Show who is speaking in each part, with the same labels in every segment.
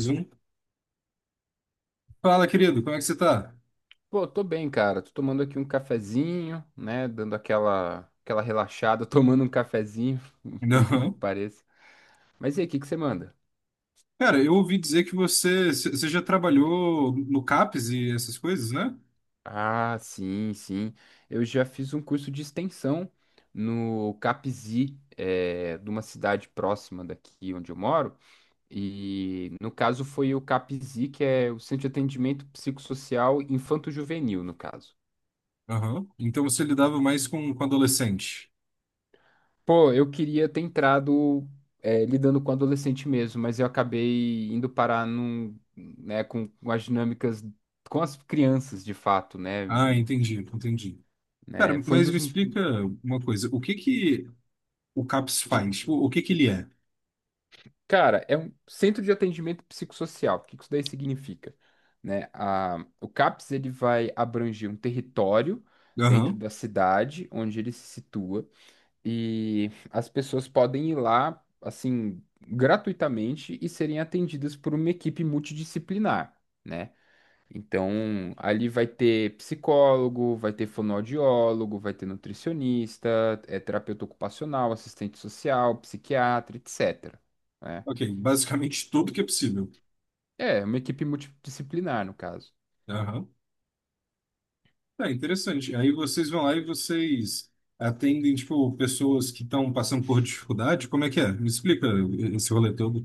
Speaker 1: Zoom. Fala, querido, como é que você tá?
Speaker 2: Pô, tô bem, cara. Tô tomando aqui um cafezinho, né? Dando aquela relaxada, tomando um cafezinho, por incrível que
Speaker 1: Não.
Speaker 2: pareça. Mas e aí, o que que você manda?
Speaker 1: Cara, eu ouvi dizer que você já trabalhou no CAPS e essas coisas, né?
Speaker 2: Ah, sim, sim. Eu já fiz um curso de extensão no CAPZI, de uma cidade próxima daqui onde eu moro. E no caso foi o CAPZI, que é o Centro de Atendimento Psicossocial Infanto-Juvenil, no caso.
Speaker 1: Aham. Então você lidava mais com adolescente.
Speaker 2: Pô, eu queria ter entrado lidando com adolescente mesmo, mas eu acabei indo parar num, né, com as dinâmicas, com as crianças de fato, né?
Speaker 1: Ah, entendi, entendi. Cara,
Speaker 2: Né, foi um
Speaker 1: mas me
Speaker 2: dos.
Speaker 1: explica uma coisa. O que que o CAPS faz? O que que ele é?
Speaker 2: Cara, é um centro de atendimento psicossocial. O que que isso daí significa? Né? A, o CAPS ele vai abranger um território dentro
Speaker 1: Aham.
Speaker 2: da cidade onde ele se situa. E as pessoas podem ir lá, assim, gratuitamente e serem atendidas por uma equipe multidisciplinar, né? Então, ali vai ter psicólogo, vai ter fonoaudiólogo, vai ter nutricionista, terapeuta ocupacional, assistente social, psiquiatra, etc., né?
Speaker 1: Ok, basicamente tudo que é possível.
Speaker 2: É, uma equipe multidisciplinar, no caso.
Speaker 1: Aham. Tá, interessante. Aí vocês vão lá e vocês atendem, tipo, pessoas que estão passando por dificuldade. Como é que é? Me explica esse rolê todo.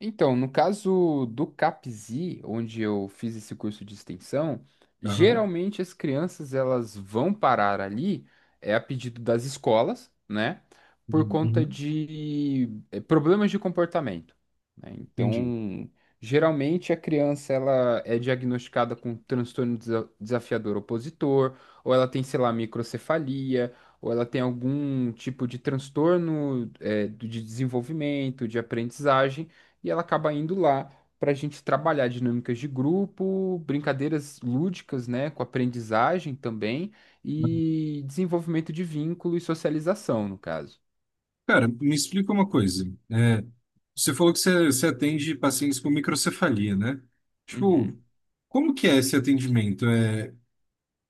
Speaker 2: Então, no caso do CAPSI, onde eu fiz esse curso de extensão,
Speaker 1: Aham.
Speaker 2: geralmente as crianças elas vão parar ali, é a pedido das escolas, né? Por
Speaker 1: Uhum,
Speaker 2: conta
Speaker 1: uhum.
Speaker 2: de problemas de comportamento, né?
Speaker 1: Entendi.
Speaker 2: Então, geralmente a criança ela é diagnosticada com transtorno desafiador opositor, ou ela tem, sei lá, microcefalia, ou ela tem algum tipo de transtorno, de desenvolvimento, de aprendizagem, e ela acaba indo lá para a gente trabalhar dinâmicas de grupo, brincadeiras lúdicas, né, com aprendizagem também e desenvolvimento de vínculo e socialização, no caso.
Speaker 1: Cara, me explica uma coisa. É, você falou que você atende pacientes com microcefalia, né? Tipo,
Speaker 2: Uhum.
Speaker 1: como que é esse atendimento? É,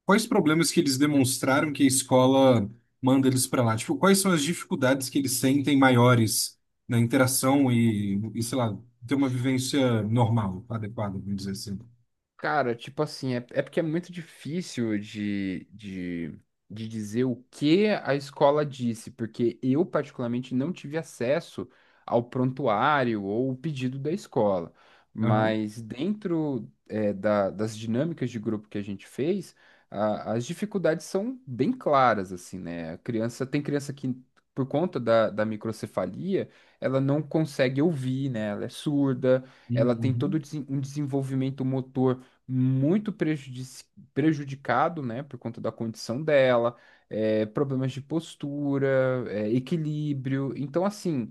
Speaker 1: quais problemas que eles demonstraram que a escola manda eles para lá? Tipo, quais são as dificuldades que eles sentem maiores na interação e sei lá, ter uma vivência normal, adequada, vamos dizer assim.
Speaker 2: Cara, tipo assim, é porque é muito difícil de dizer o que a escola disse, porque eu, particularmente, não tive acesso ao prontuário ou o pedido da escola.
Speaker 1: Aham.
Speaker 2: Mas dentro, é, das dinâmicas de grupo que a gente fez, as dificuldades são bem claras, assim, né? A criança, tem criança que, por conta da microcefalia, ela não consegue ouvir, né? Ela é surda, ela tem todo
Speaker 1: Uhum,
Speaker 2: um desenvolvimento motor muito prejudicado, né, por conta da condição dela, é, problemas de postura, é, equilíbrio. Então, assim,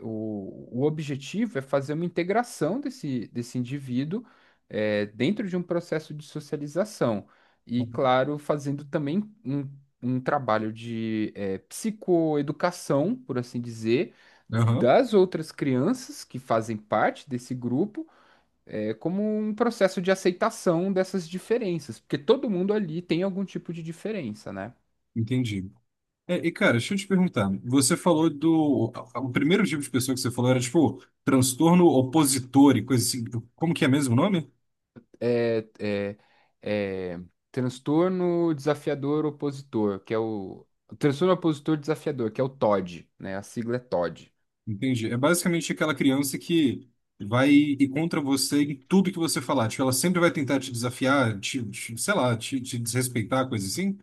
Speaker 2: o objetivo é fazer uma integração desse indivíduo, é, dentro de um processo de socialização. E,
Speaker 1: uhum.
Speaker 2: claro, fazendo também um trabalho de, é, psicoeducação, por assim dizer,
Speaker 1: Aham.
Speaker 2: das outras crianças que fazem parte desse grupo, é, como um processo de aceitação dessas diferenças, porque todo mundo ali tem algum tipo de diferença, né?
Speaker 1: Entendi. É, e cara, deixa eu te perguntar. Você falou do. O primeiro tipo de pessoa que você falou era tipo transtorno opositor e coisa assim. Como que é mesmo o nome?
Speaker 2: É, é, é, transtorno desafiador opositor, que é o transtorno opositor desafiador, que é o TOD, né? A sigla é TOD.
Speaker 1: Entendi. É basicamente aquela criança que vai ir contra você em tudo que você falar. Tipo, ela sempre vai tentar te desafiar, sei lá, te desrespeitar, coisa assim.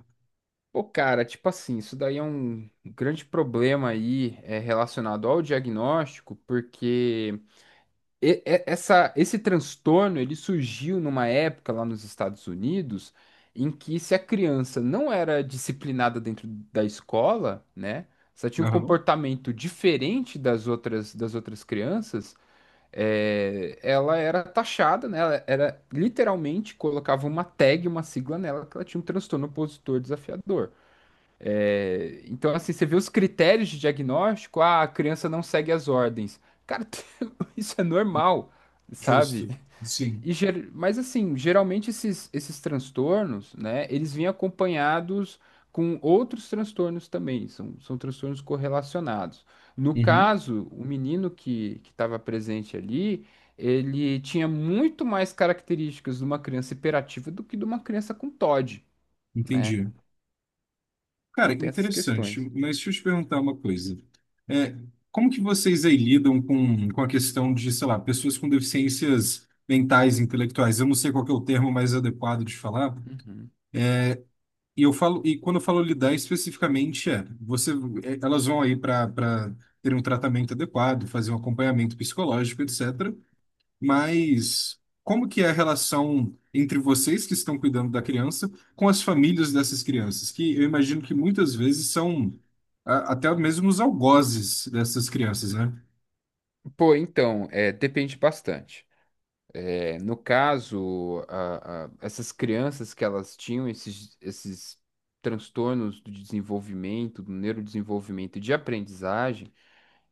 Speaker 2: Pô, cara, tipo assim, isso daí é um grande problema aí é, relacionado ao diagnóstico, porque essa, esse transtorno ele surgiu numa época lá nos Estados Unidos em que se a criança não era disciplinada dentro da escola, né? Se ela tinha um
Speaker 1: Aham.
Speaker 2: comportamento diferente das outras crianças, é, ela era taxada, né? Ela era literalmente, colocava uma tag, uma sigla nela, que ela tinha um transtorno opositor desafiador. É, então, assim, você vê os critérios de diagnóstico, ah, a criança não segue as ordens. Cara, isso é normal,
Speaker 1: Justo.
Speaker 2: sabe?
Speaker 1: Sim.
Speaker 2: E, mas, assim, geralmente esses transtornos, né, eles vêm acompanhados com outros transtornos também, são transtornos correlacionados. No
Speaker 1: Uhum.
Speaker 2: caso, o menino que estava presente ali, ele tinha muito mais características de uma criança hiperativa do que de uma criança com TOD, né?
Speaker 1: Entendi. Cara,
Speaker 2: Então, tem essas
Speaker 1: interessante,
Speaker 2: questões.
Speaker 1: mas deixa eu te perguntar uma coisa. É, como que vocês aí lidam com a questão de, sei lá, pessoas com deficiências mentais, intelectuais? Eu não sei qual que é o termo mais adequado de falar.
Speaker 2: Uhum.
Speaker 1: E eu falo, e quando eu falo lidar especificamente, é, você, é, elas vão aí para ter um tratamento adequado, fazer um acompanhamento psicológico, etc. Mas como que é a relação entre vocês que estão cuidando da criança com as famílias dessas crianças, que eu imagino que muitas vezes são até mesmo os algozes dessas crianças, né?
Speaker 2: Pô, então, é, depende bastante. É, no caso, essas crianças que elas tinham esses, esses transtornos do desenvolvimento, do neurodesenvolvimento e de aprendizagem,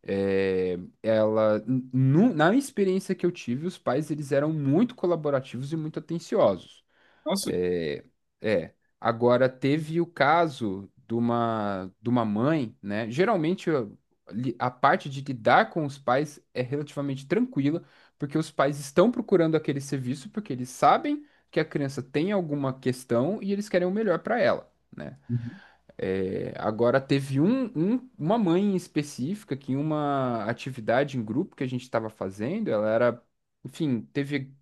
Speaker 2: é, ela, na experiência que eu tive, os pais eles eram muito colaborativos e muito atenciosos.
Speaker 1: Nossa,
Speaker 2: É, é. Agora teve o caso de uma mãe, né? Geralmente a, a parte de lidar com os pais é relativamente tranquila, porque os pais estão procurando aquele serviço porque eles sabem que a criança tem alguma questão e eles querem o melhor para ela, né?
Speaker 1: uhum.
Speaker 2: É, agora teve um, uma mãe em específica que, em uma atividade em grupo que a gente estava fazendo, ela era, enfim, teve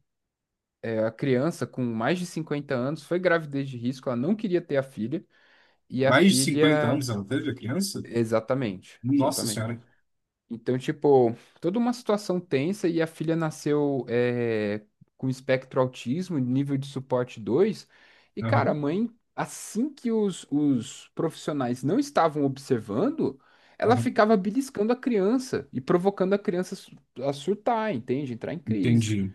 Speaker 2: é, a criança com mais de 50 anos, foi gravidez de risco, ela não queria ter a filha, e a
Speaker 1: Mais de 50
Speaker 2: filha.
Speaker 1: anos ela teve a criança?
Speaker 2: Exatamente,
Speaker 1: Nossa
Speaker 2: exatamente.
Speaker 1: Senhora.
Speaker 2: Então, tipo, toda uma situação tensa e a filha nasceu é, com espectro autismo, nível de suporte 2. E, cara, a
Speaker 1: Aham,
Speaker 2: mãe, assim que os profissionais não estavam observando, ela
Speaker 1: aham.
Speaker 2: ficava beliscando a criança e provocando a criança a a surtar, entende? Entrar em crise.
Speaker 1: Entendi.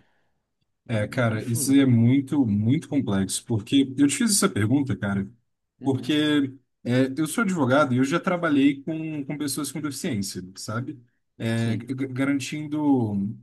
Speaker 1: É, cara, isso
Speaker 2: Enfim.
Speaker 1: é muito, muito complexo, porque eu te fiz essa pergunta, cara,
Speaker 2: Uhum.
Speaker 1: porque é, eu sou advogado e eu já trabalhei com pessoas com deficiência, sabe? É,
Speaker 2: Sim.
Speaker 1: garantindo.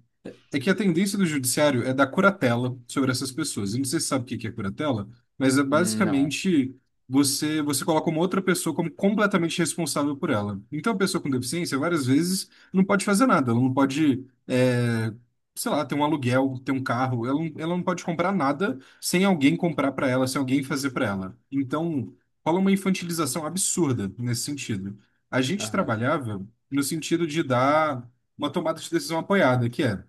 Speaker 1: É que a tendência do judiciário é dar curatela sobre essas pessoas. Eu não sei se você sabe o que que é curatela, mas é
Speaker 2: Hum. Não.
Speaker 1: basicamente você coloca uma outra pessoa como completamente responsável por ela. Então, a pessoa com deficiência, várias vezes, não pode fazer nada. Ela não pode, é, sei lá, ter um aluguel, ter um carro. Ela não pode comprar nada sem alguém comprar para ela, sem alguém fazer para ela. Então, rola uma infantilização absurda nesse sentido. A gente
Speaker 2: Aham.
Speaker 1: trabalhava no sentido de dar uma tomada de decisão apoiada, que é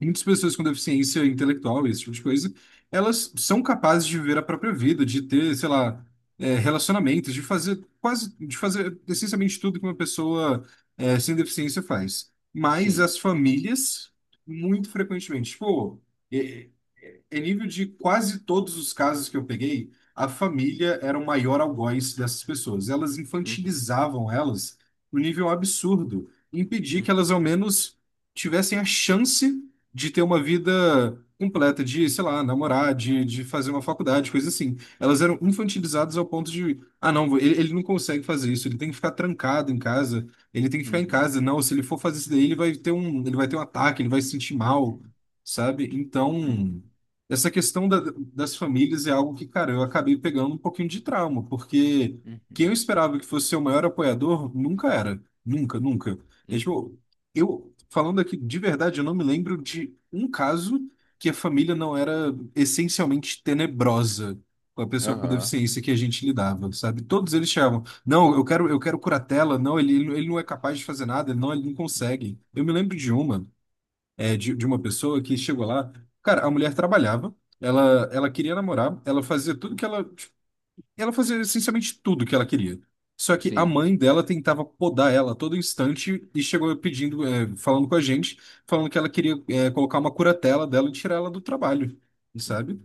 Speaker 1: muitas pessoas com deficiência intelectual, esse tipo de coisa, elas são capazes de viver a própria vida, de ter, sei lá, é, relacionamentos, de fazer quase, de fazer essencialmente tudo que uma pessoa é, sem deficiência faz. Mas
Speaker 2: Sim.
Speaker 1: as famílias, muito frequentemente, tipo, é, é nível de quase todos os casos que eu peguei, a família era o maior algoz dessas pessoas. Elas
Speaker 2: Uhum.
Speaker 1: infantilizavam elas no nível absurdo, impedir que elas
Speaker 2: Uhum.
Speaker 1: ao menos tivessem a chance de ter uma vida completa, de, sei lá, namorar, de fazer uma faculdade, coisa assim. Elas eram infantilizadas ao ponto de, ah, não, ele não consegue fazer isso, ele tem que ficar trancado em casa, ele tem que ficar em
Speaker 2: Uhum.
Speaker 1: casa. Não, se ele for fazer isso daí, ele vai ter um ataque, ele vai se sentir mal,
Speaker 2: Uhum.
Speaker 1: sabe? Então,
Speaker 2: Uhum.
Speaker 1: essa questão das famílias é algo que, cara, eu acabei pegando um pouquinho de trauma, porque quem eu
Speaker 2: Uhum.
Speaker 1: esperava que fosse ser o maior apoiador nunca era. Nunca, nunca. É,
Speaker 2: Uhum.
Speaker 1: tipo, eu, falando aqui, de verdade, eu não me lembro de um caso que a família não era essencialmente tenebrosa com a pessoa com
Speaker 2: Aham.
Speaker 1: deficiência que a gente lidava, sabe? Todos eles chamam, não, eu quero curatela, não, ele não é capaz de fazer nada, ele não consegue. Eu me lembro de uma, é, de uma pessoa que chegou lá, cara, a mulher trabalhava, ela queria namorar, ela fazia tudo que ela tipo, e ela fazia essencialmente tudo que ela queria. Só que a
Speaker 2: Sim.
Speaker 1: mãe dela tentava podar ela a todo instante e chegou pedindo, é, falando com a gente, falando que ela queria, é, colocar uma curatela dela e tirar ela do trabalho,
Speaker 2: Hum.
Speaker 1: sabe?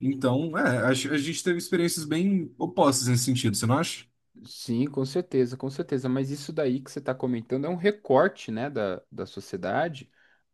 Speaker 1: Então, é, a gente teve experiências bem opostas nesse sentido, você não acha?
Speaker 2: Sim, com certeza, com certeza. Mas isso daí que você está comentando é um recorte, né, da sociedade,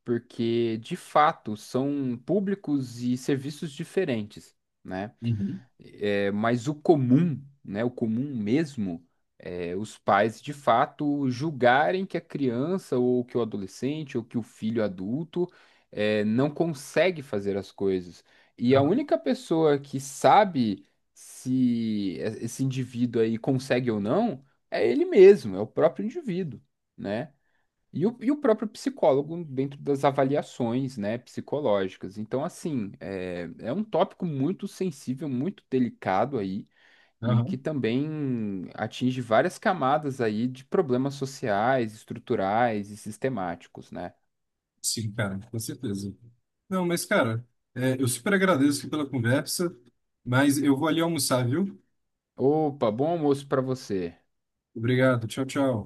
Speaker 2: porque de fato são públicos e serviços diferentes, né?
Speaker 1: Uhum.
Speaker 2: É, mas o comum, né, o comum mesmo, é os pais de fato julgarem que a criança ou que o adolescente ou que o filho adulto é, não consegue fazer as coisas. E a
Speaker 1: Aham,
Speaker 2: única pessoa que sabe se esse indivíduo aí consegue ou não é ele mesmo, é o próprio indivíduo, né? E o próprio psicólogo dentro das avaliações, né, psicológicas. Então, assim, é, é um tópico muito sensível, muito delicado aí, e que
Speaker 1: aham.
Speaker 2: também atinge várias camadas aí de problemas sociais, estruturais e sistemáticos, né?
Speaker 1: Sim, cara, com certeza. Não, mas, cara, é, eu super agradeço aqui pela conversa, mas eu vou ali almoçar, viu?
Speaker 2: Opa, bom almoço para você.
Speaker 1: Obrigado, tchau, tchau.